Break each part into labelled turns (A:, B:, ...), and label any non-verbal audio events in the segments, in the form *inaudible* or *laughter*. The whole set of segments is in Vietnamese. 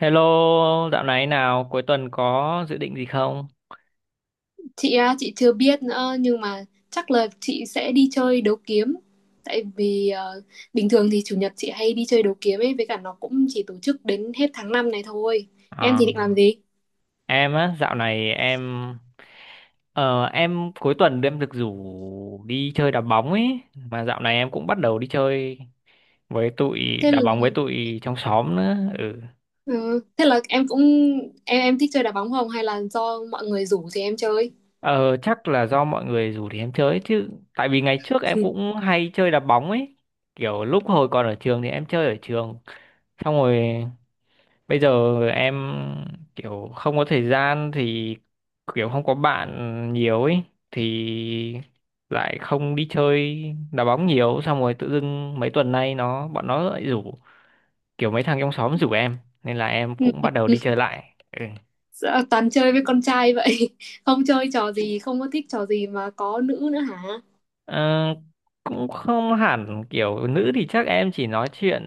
A: Hello, dạo này nào, cuối tuần có dự định gì không?
B: Chị á, chị chưa biết nữa nhưng mà chắc là chị sẽ đi chơi đấu kiếm. Tại vì bình thường thì chủ nhật chị hay đi chơi đấu kiếm ấy, với cả nó cũng chỉ tổ chức đến hết tháng 5 này thôi. Em thì định
A: À,
B: làm gì?
A: em á, dạo này em cuối tuần em được rủ đi chơi đá bóng ấy, mà dạo này em cũng bắt đầu đi chơi với tụi
B: Thế
A: đá
B: là
A: bóng với tụi trong xóm nữa. Ừ.
B: ừ, thế là em cũng em thích chơi đá bóng, không hay là do mọi người rủ thì em chơi?
A: Ờ, chắc là do mọi người rủ thì em chơi chứ, tại vì ngày trước em
B: *laughs*
A: cũng hay chơi đá bóng ấy. Kiểu lúc hồi còn ở trường thì em chơi ở trường, xong rồi bây giờ em kiểu không có thời gian thì kiểu không có bạn nhiều ấy thì lại không đi chơi đá bóng nhiều xong rồi tự dưng mấy tuần nay bọn nó lại rủ, kiểu mấy thằng trong xóm rủ em nên là em cũng bắt đầu
B: Ừ,
A: đi chơi lại ừ.
B: dạ, toàn chơi với con trai vậy. *laughs* Không chơi trò gì, không có thích trò gì mà có nữ nữa hả?
A: Ờ, cũng không hẳn kiểu nữ thì chắc em chỉ nói chuyện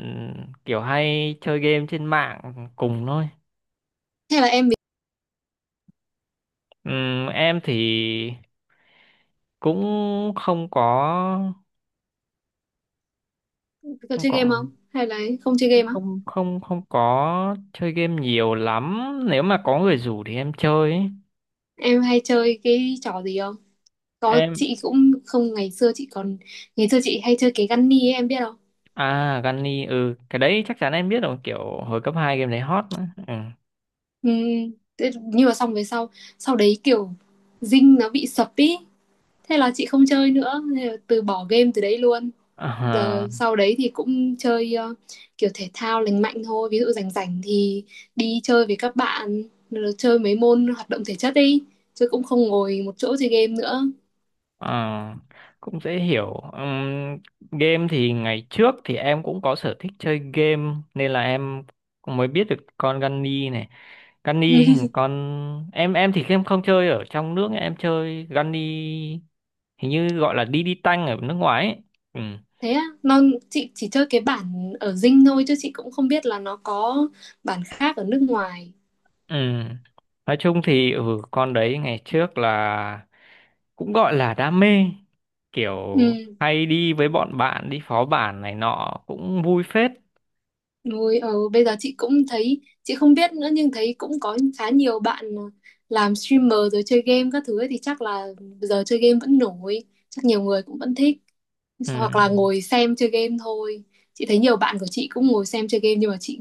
A: kiểu hay chơi game trên mạng cùng thôi.
B: Hay là em
A: Em thì cũng không có
B: có
A: không
B: chơi game
A: có
B: không? Hay là không chơi game á?
A: không có chơi game nhiều lắm, nếu mà có người rủ thì em chơi ấy.
B: Em hay chơi cái trò gì không? Có,
A: em
B: chị cũng không, ngày xưa chị hay chơi cái Gunny ấy, em biết không?
A: à, Gunny. Ừ. Cái đấy chắc chắn em biết rồi, kiểu hồi cấp 2 game đấy hot nữa ừ.
B: Ừ, nhưng mà xong về sau, sau đấy kiểu Dinh nó bị sập ý, thế là chị không chơi nữa, thế là từ bỏ game từ đấy luôn.
A: à,
B: Giờ sau đấy thì cũng chơi kiểu thể thao lành mạnh thôi, ví dụ rảnh rảnh thì đi chơi với các bạn, rồi chơi mấy môn hoạt động thể chất đi, chứ cũng không ngồi một chỗ chơi game nữa.
A: à, Cũng dễ hiểu. Game thì ngày trước thì em cũng có sở thích chơi game nên là em cũng mới biết được con Gunny này. Gunny hình
B: *laughs*
A: con, em thì em không chơi ở trong nước, em chơi Gunny hình như gọi là đi đi tanh ở nước ngoài ấy. Ừ.
B: Thế á, chị chỉ chơi cái bản ở Dinh thôi, chứ chị cũng không biết là nó có bản khác ở nước ngoài.
A: Ừ. Nói chung thì con đấy ngày trước là cũng gọi là đam mê, kiểu
B: Ừ,
A: hay đi với bọn bạn đi phó bản này nọ cũng vui phết
B: rồi bây giờ chị cũng thấy, chị không biết nữa, nhưng thấy cũng có khá nhiều bạn làm streamer rồi chơi game các thứ ấy, thì chắc là giờ chơi game vẫn nổi, chắc nhiều người cũng vẫn thích,
A: ừ.
B: hoặc là ngồi xem chơi game thôi. Chị thấy nhiều bạn của chị cũng ngồi xem chơi game, nhưng mà chị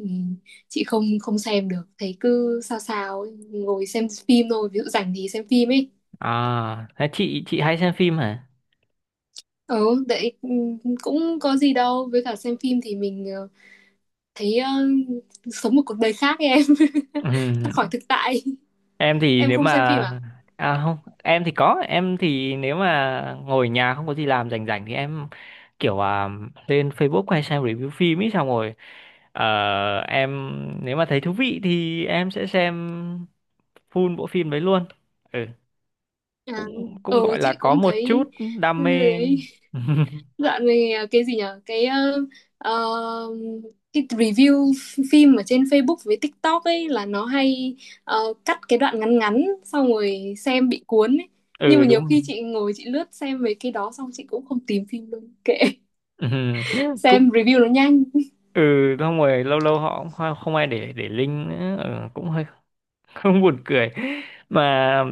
B: chị không không xem được, thấy cứ sao sao ấy, ngồi xem phim thôi, ví dụ rảnh thì xem phim ấy.
A: À, thế chị hay xem phim hả
B: Ừ, đấy, ừ, cũng có gì đâu, với cả xem phim thì mình thấy sống một cuộc đời khác ấy, em. *laughs*
A: ừ.
B: Thoát khỏi thực tại.
A: Em thì
B: Em
A: nếu
B: không xem phim
A: mà
B: à?
A: À không, em thì có, em thì nếu mà ngồi nhà không có gì làm rảnh rảnh thì em kiểu lên Facebook hay xem review phim ấy xong rồi ờ, em, nếu mà thấy thú vị thì em sẽ xem full bộ phim đấy luôn. ừ
B: À,
A: cũng cũng
B: ừ,
A: gọi là
B: chị
A: có
B: cũng
A: một chút
B: thấy,
A: đam
B: ừ,
A: mê.
B: đấy.
A: *laughs*
B: Dạo này cái gì nhở, ờ, cái review phim ở trên Facebook với TikTok ấy là nó hay, cắt cái đoạn ngắn ngắn xong rồi xem bị cuốn ấy, nhưng
A: Ừ
B: mà nhiều
A: Đúng rồi.
B: khi chị ngồi chị lướt xem về cái đó xong chị cũng không tìm phim luôn, kệ.
A: *laughs*
B: *laughs*
A: Ừ.
B: Xem
A: Cũng
B: review nó nhanh.
A: ừ xong rồi lâu lâu họ cũng không không ai để link nữa, cũng hơi *laughs* không buồn cười mà.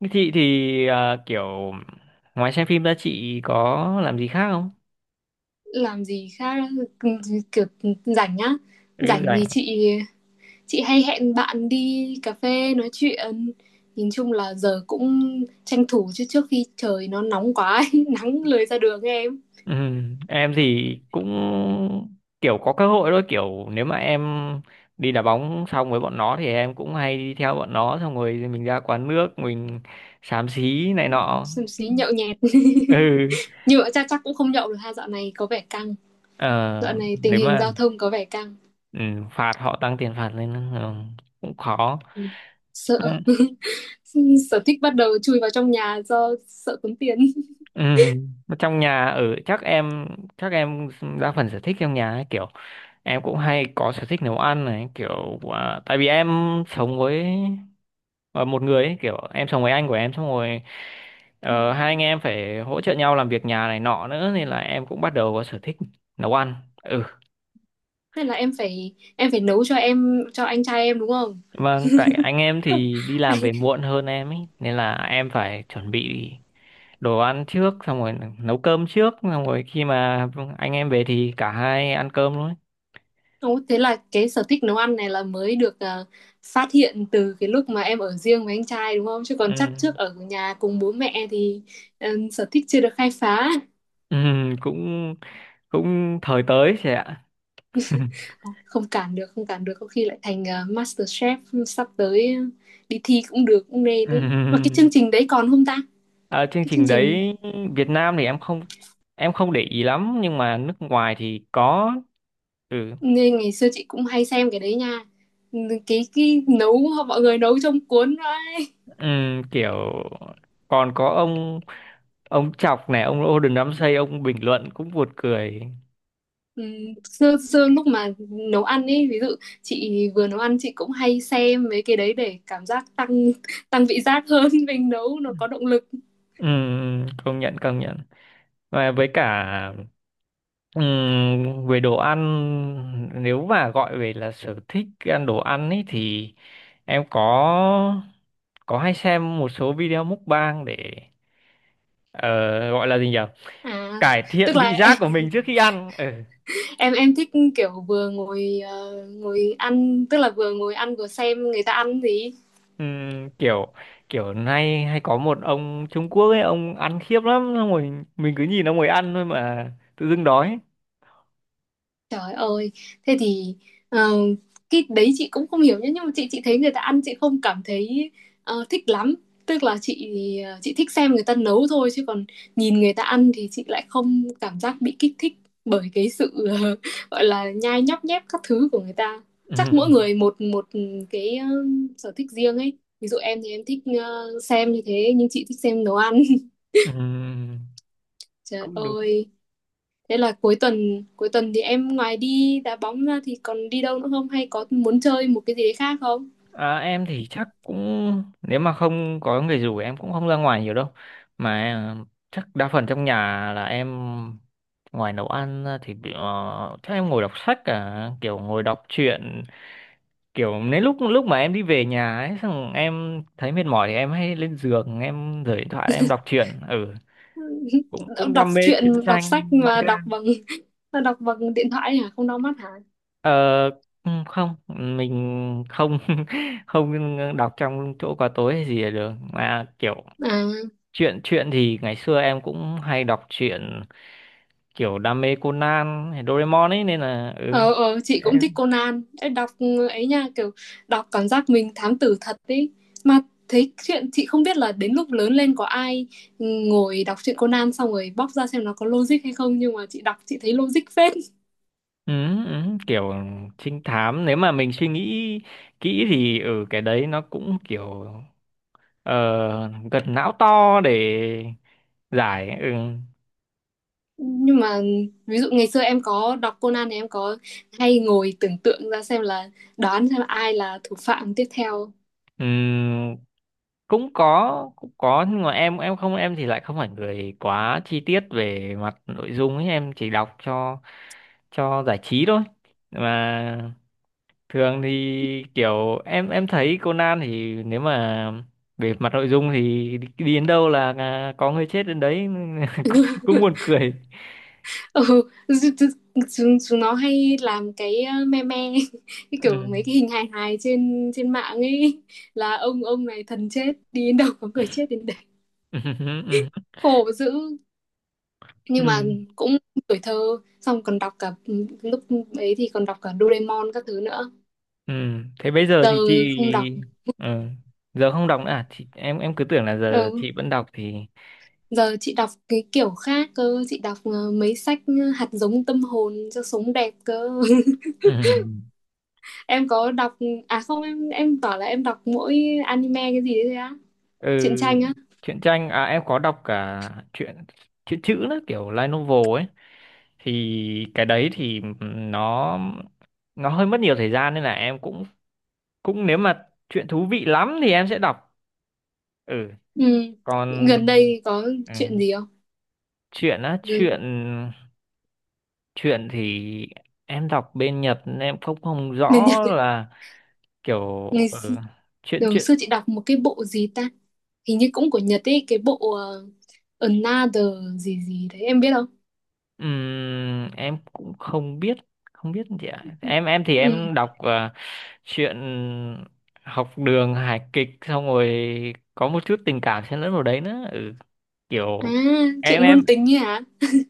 A: Thế chị thì kiểu ngoài xem phim ra chị có làm gì khác không?
B: Làm gì khác, kiểu rảnh á?
A: Cứ
B: Rảnh thì
A: rảnh.
B: chị hay hẹn bạn đi cà phê nói chuyện. Nhìn chung là giờ cũng tranh thủ, chứ trước khi trời nó nóng quá ấy, *laughs* nắng lười ra đường ấy, em.
A: Ừ, em thì cũng kiểu có cơ hội thôi, kiểu nếu mà em đi đá bóng xong với bọn nó thì em cũng hay đi theo bọn nó xong rồi mình ra quán nước mình xám xí này nọ.
B: Xúm xí nhậu nhẹt.
A: Ừ.
B: *laughs* Nhưng mà chắc chắc cũng không nhậu được ha, dạo này có vẻ căng,
A: Ờ,
B: dạo này tình
A: nếu
B: hình
A: mà
B: giao thông có vẻ căng.
A: ừ, phạt họ tăng tiền phạt lên, cũng khó.
B: Ừ,
A: Ừ.
B: sợ. *laughs* Sở thích bắt đầu chui vào trong nhà do sợ tốn tiền.
A: Ừ. Mà trong nhà ở chắc em, chắc em đa phần sở thích trong nhà ấy, kiểu em cũng hay có sở thích nấu ăn này, kiểu tại vì em sống với ờ, một người ấy, kiểu em sống với anh của em xong rồi
B: *laughs*
A: hai anh em phải hỗ trợ nhau làm việc nhà này nọ nữa nên là em cũng bắt đầu có sở thích nấu ăn ừ
B: Thế là em phải nấu cho anh trai em đúng không?
A: vâng, tại anh em thì đi làm về muộn hơn em ấy nên là em phải chuẩn bị đồ ăn trước xong rồi nấu cơm trước xong rồi khi mà anh em về thì cả hai ăn cơm luôn ấy.
B: Ồ, thế là cái sở thích nấu ăn này là mới được à, phát hiện từ cái lúc mà em ở riêng với anh trai đúng không? Chứ còn chắc
A: Ừ.
B: trước ở nhà cùng bố mẹ thì ừ, sở thích chưa được khai phá.
A: *laughs* ừ cũng cũng thời tới chị ạ. *laughs*
B: Không, không cản được, không cản được. Có khi lại thành Master Chef, sắp tới đi thi cũng được, cũng nên
A: Ừ.
B: ý. Mà cái chương trình đấy còn không ta?
A: Ờ, chương
B: Cái chương
A: trình
B: trình
A: đấy Việt Nam thì em không để ý lắm nhưng mà nước ngoài thì có ừ,
B: ngày xưa chị cũng hay xem cái đấy nha. Ừ, cái nấu mọi người nấu trong cuốn ấy.
A: Kiểu còn có ông Chọc này, ông Gordon Ramsay, ông bình luận cũng buồn cười.
B: Ừ, xưa lúc mà nấu ăn ấy, ví dụ chị vừa nấu ăn chị cũng hay xem mấy cái đấy để cảm giác tăng tăng vị giác hơn. *laughs* Mình nấu nó có động lực.
A: Công nhận công nhận, và với cả về đồ ăn nếu mà gọi về là sở thích ăn đồ ăn ấy thì em có hay xem một số video mukbang để ờ, gọi là gì nhỉ,
B: À
A: cải
B: tức
A: thiện
B: là
A: vị
B: em
A: giác của mình trước khi ăn ừ.
B: em, em thích kiểu vừa ngồi ăn, tức là vừa ngồi ăn vừa xem người ta ăn gì.
A: Kiểu kiểu nay hay có một ông Trung Quốc ấy, ông ăn khiếp lắm xong rồi mình cứ nhìn ông ấy ăn thôi mà tự dưng đói.
B: Trời ơi, thế thì ờ, cái đấy chị cũng không hiểu nhá, nhưng mà chị thấy người ta ăn chị không cảm thấy thích lắm. Tức là chị thích xem người ta nấu thôi, chứ còn nhìn người ta ăn thì chị lại không cảm giác bị kích thích bởi cái sự *laughs* gọi là nhai nhóc nhép các thứ của người ta.
A: *laughs*
B: Chắc mỗi
A: Ừm,
B: người một một cái sở thích riêng ấy. Ví dụ em thì em thích xem như thế, nhưng chị thích xem nấu ăn. *laughs*
A: ừm,
B: Trời
A: Cũng đúng.
B: ơi. Thế là cuối tuần thì em ngoài đi đá bóng ra thì còn đi đâu nữa không, hay có muốn chơi một cái gì đấy khác không?
A: À, em thì chắc cũng nếu mà không có người rủ em cũng không ra ngoài nhiều đâu, mà chắc đa phần trong nhà là em, ngoài nấu ăn ra thì chắc em ngồi đọc sách, cả kiểu ngồi đọc truyện, kiểu nếu lúc lúc mà em đi về nhà ấy xong em thấy mệt mỏi thì em hay lên giường em rời điện thoại em đọc truyện ừ
B: *laughs*
A: cũng cũng
B: Đọc
A: đam mê
B: truyện,
A: truyện
B: đọc
A: tranh
B: sách mà
A: manga.
B: đọc bằng. *laughs* Đọc bằng điện thoại hả? Không đau mắt hả?
A: Ờ, Không, mình không *laughs* không đọc trong chỗ có tối hay gì là được. Mà kiểu
B: À,
A: truyện truyện thì ngày xưa em cũng hay đọc truyện, kiểu đam mê Conan hay Doraemon ấy nên là
B: ờ, chị cũng thích
A: em-
B: Conan. Ê, đọc ấy nha, kiểu đọc cảm giác mình thám tử thật ấy. Mà thấy chuyện chị không biết là đến lúc lớn lên có ai ngồi đọc truyện Conan xong rồi bóc ra xem nó có logic hay không, nhưng mà chị đọc chị thấy logic phết.
A: ừ, kiểu trinh thám nếu mà mình suy nghĩ kỹ thì ừ cái đấy nó cũng kiểu ờ, gật não to để giải.
B: Nhưng mà ví dụ ngày xưa em có đọc Conan thì em có hay ngồi tưởng tượng ra xem là đoán xem ai là thủ phạm tiếp theo.
A: Ừ. Cũng có, cũng có, nhưng mà em không, em thì lại không phải người quá chi tiết về mặt nội dung ấy, em chỉ đọc cho giải trí thôi, mà thường thì kiểu em thấy Conan thì nếu mà về mặt nội dung thì đi đi đến đâu là có người chết đến đấy *laughs* nên là cũng buồn
B: *laughs*
A: cười.
B: Ừ, chúng, chúng nó hay làm cái me me. *laughs* Cái kiểu
A: Ừ.
B: mấy cái hình hài hài trên trên mạng ấy, là ông này thần chết đi đến đâu có người chết đến đấy,
A: *laughs* Ừ. Ừ.
B: khổ dữ. Nhưng mà
A: Ừ.
B: cũng tuổi thơ, xong còn đọc cả, lúc ấy thì còn đọc cả Doraemon các thứ nữa.
A: Ừ. Thế bây giờ
B: Giờ
A: thì chị.
B: không đọc,
A: Ừ. Giờ không đọc nữa à? Chị, em cứ tưởng là giờ
B: ừ.
A: chị vẫn đọc thì.
B: Giờ chị đọc cái kiểu khác cơ, chị đọc mấy sách hạt giống tâm hồn cho sống đẹp cơ. *laughs*
A: Ừ.
B: Em có đọc à, không, em bảo là em đọc mỗi anime cái gì đấy thôi á,
A: ừ
B: truyện tranh á.
A: Truyện tranh à, em có đọc cả truyện truyện chữ nữa, kiểu light novel ấy, thì cái đấy thì nó nó hơi mất nhiều thời gian nên là em cũng cũng nếu mà chuyện thú vị lắm thì em sẽ đọc. ừ
B: Ừ.
A: còn
B: Gần đây có
A: ừ.
B: chuyện gì không?
A: chuyện á, chuyện
B: Ừ.
A: chuyện thì em đọc bên Nhật nên em không không
B: Bên
A: rõ
B: Nhật ấy.
A: là kiểu
B: ngày xưa,
A: ừ. Chuyện
B: đầu
A: chuyện
B: xưa chị đọc một cái bộ gì ta? Hình như cũng của Nhật ấy, cái bộ Another gì gì đấy em biết không?
A: Em cũng không biết gì ạ. Em thì
B: Ừ.
A: em đọc chuyện học đường hài kịch xong rồi có một chút tình cảm xen lẫn vào đấy nữa,
B: À,
A: kiểu em
B: chuyện
A: em
B: ngôn tình ấy hả?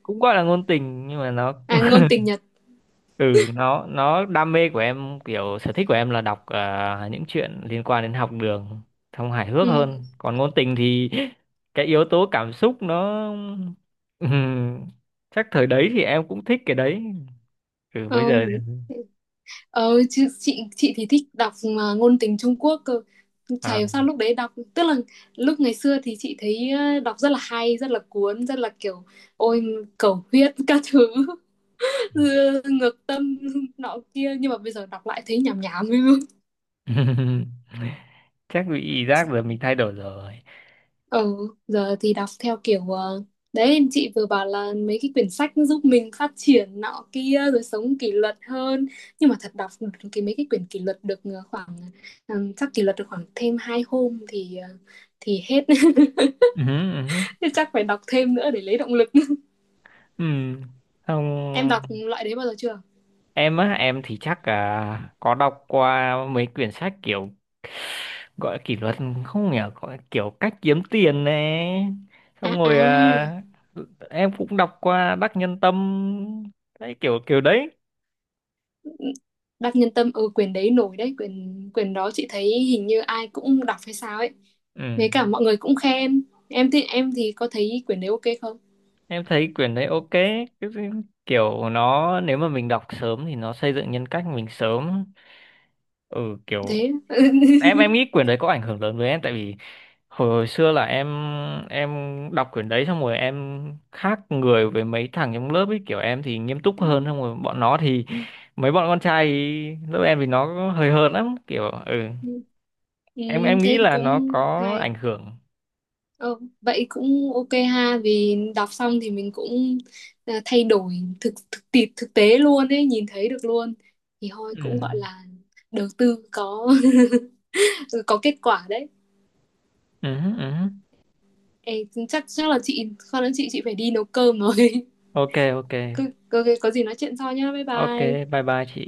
A: cũng gọi là ngôn tình nhưng mà nó
B: À, ngôn tình Nhật.
A: ừ nó đam mê của em, kiểu sở thích của em là đọc những chuyện liên quan đến học đường xong hài hước
B: Ừ.
A: hơn, còn ngôn tình thì *laughs* cái yếu tố cảm xúc nó. Ừm, Chắc thời đấy thì em cũng thích cái đấy. Bây
B: Không.
A: giờ
B: Ờ, chứ chị thì thích đọc mà ngôn tình Trung Quốc cơ. Chả
A: à,
B: hiểu sao lúc đấy đọc, tức là lúc ngày xưa thì chị thấy đọc rất là hay, rất là cuốn, rất là kiểu ôi, cầu huyết các thứ, *laughs* ngược tâm nọ kia, nhưng mà bây giờ đọc lại thấy nhảm nhảm.
A: *laughs* chắc bị giác giờ mình thay đổi rồi.
B: Ừ, giờ thì đọc theo kiểu đấy, chị vừa bảo là mấy cái quyển sách nó giúp mình phát triển nọ kia rồi sống kỷ luật hơn, nhưng mà thật đọc mấy cái quyển kỷ luật được khoảng chắc kỷ luật được khoảng thêm hai hôm thì thì hết. *laughs*
A: Ừ, ừ,
B: Thế chắc phải đọc thêm nữa để lấy động lực. *laughs*
A: ừ. Không,
B: Em đọc loại đấy bao giờ chưa?
A: em á, em thì chắc là có đọc qua mấy quyển sách kiểu gọi là kỷ luật không nhỉ, gọi là kiểu cách kiếm tiền này,
B: À,
A: xong
B: à,
A: rồi em cũng đọc qua Đắc Nhân Tâm đấy, kiểu kiểu đấy
B: Đắc Nhân Tâm, ừ, quyển đấy nổi đấy, quyển quyển đó chị thấy hình như ai cũng đọc hay sao ấy,
A: ừ.
B: với cả mọi người cũng khen. Em thì có thấy quyển đấy ok không?
A: Em thấy quyển đấy ok. Kiểu nó nếu mà mình đọc sớm thì nó xây dựng nhân cách mình sớm, ừ kiểu
B: Thế. *laughs*
A: em em nghĩ quyển đấy có ảnh hưởng lớn với em tại vì hồi xưa là em đọc quyển đấy xong rồi em khác người với mấy thằng trong lớp ấy, kiểu em thì nghiêm túc hơn xong rồi bọn nó thì, mấy bọn con trai ý, lớp em thì nó hơi hợt lắm, kiểu ừ
B: Ừ,
A: em
B: thế
A: em nghĩ
B: thì
A: là nó
B: cũng
A: có
B: hay.
A: ảnh hưởng
B: Ờ, vậy cũng ok ha, vì đọc xong thì mình cũng thay đổi, thực thực tiệp thực tế luôn ấy, nhìn thấy được luôn, thì thôi
A: ừ
B: cũng gọi là đầu tư có *laughs* có kết quả đấy.
A: ừ ừ
B: Ê, chắc chắc là chị con nói, chị phải đi nấu cơm rồi.
A: ok, ok,
B: *laughs* Có, có gì nói chuyện sau nhá, bye
A: ok.
B: bye.
A: Bye bye chị.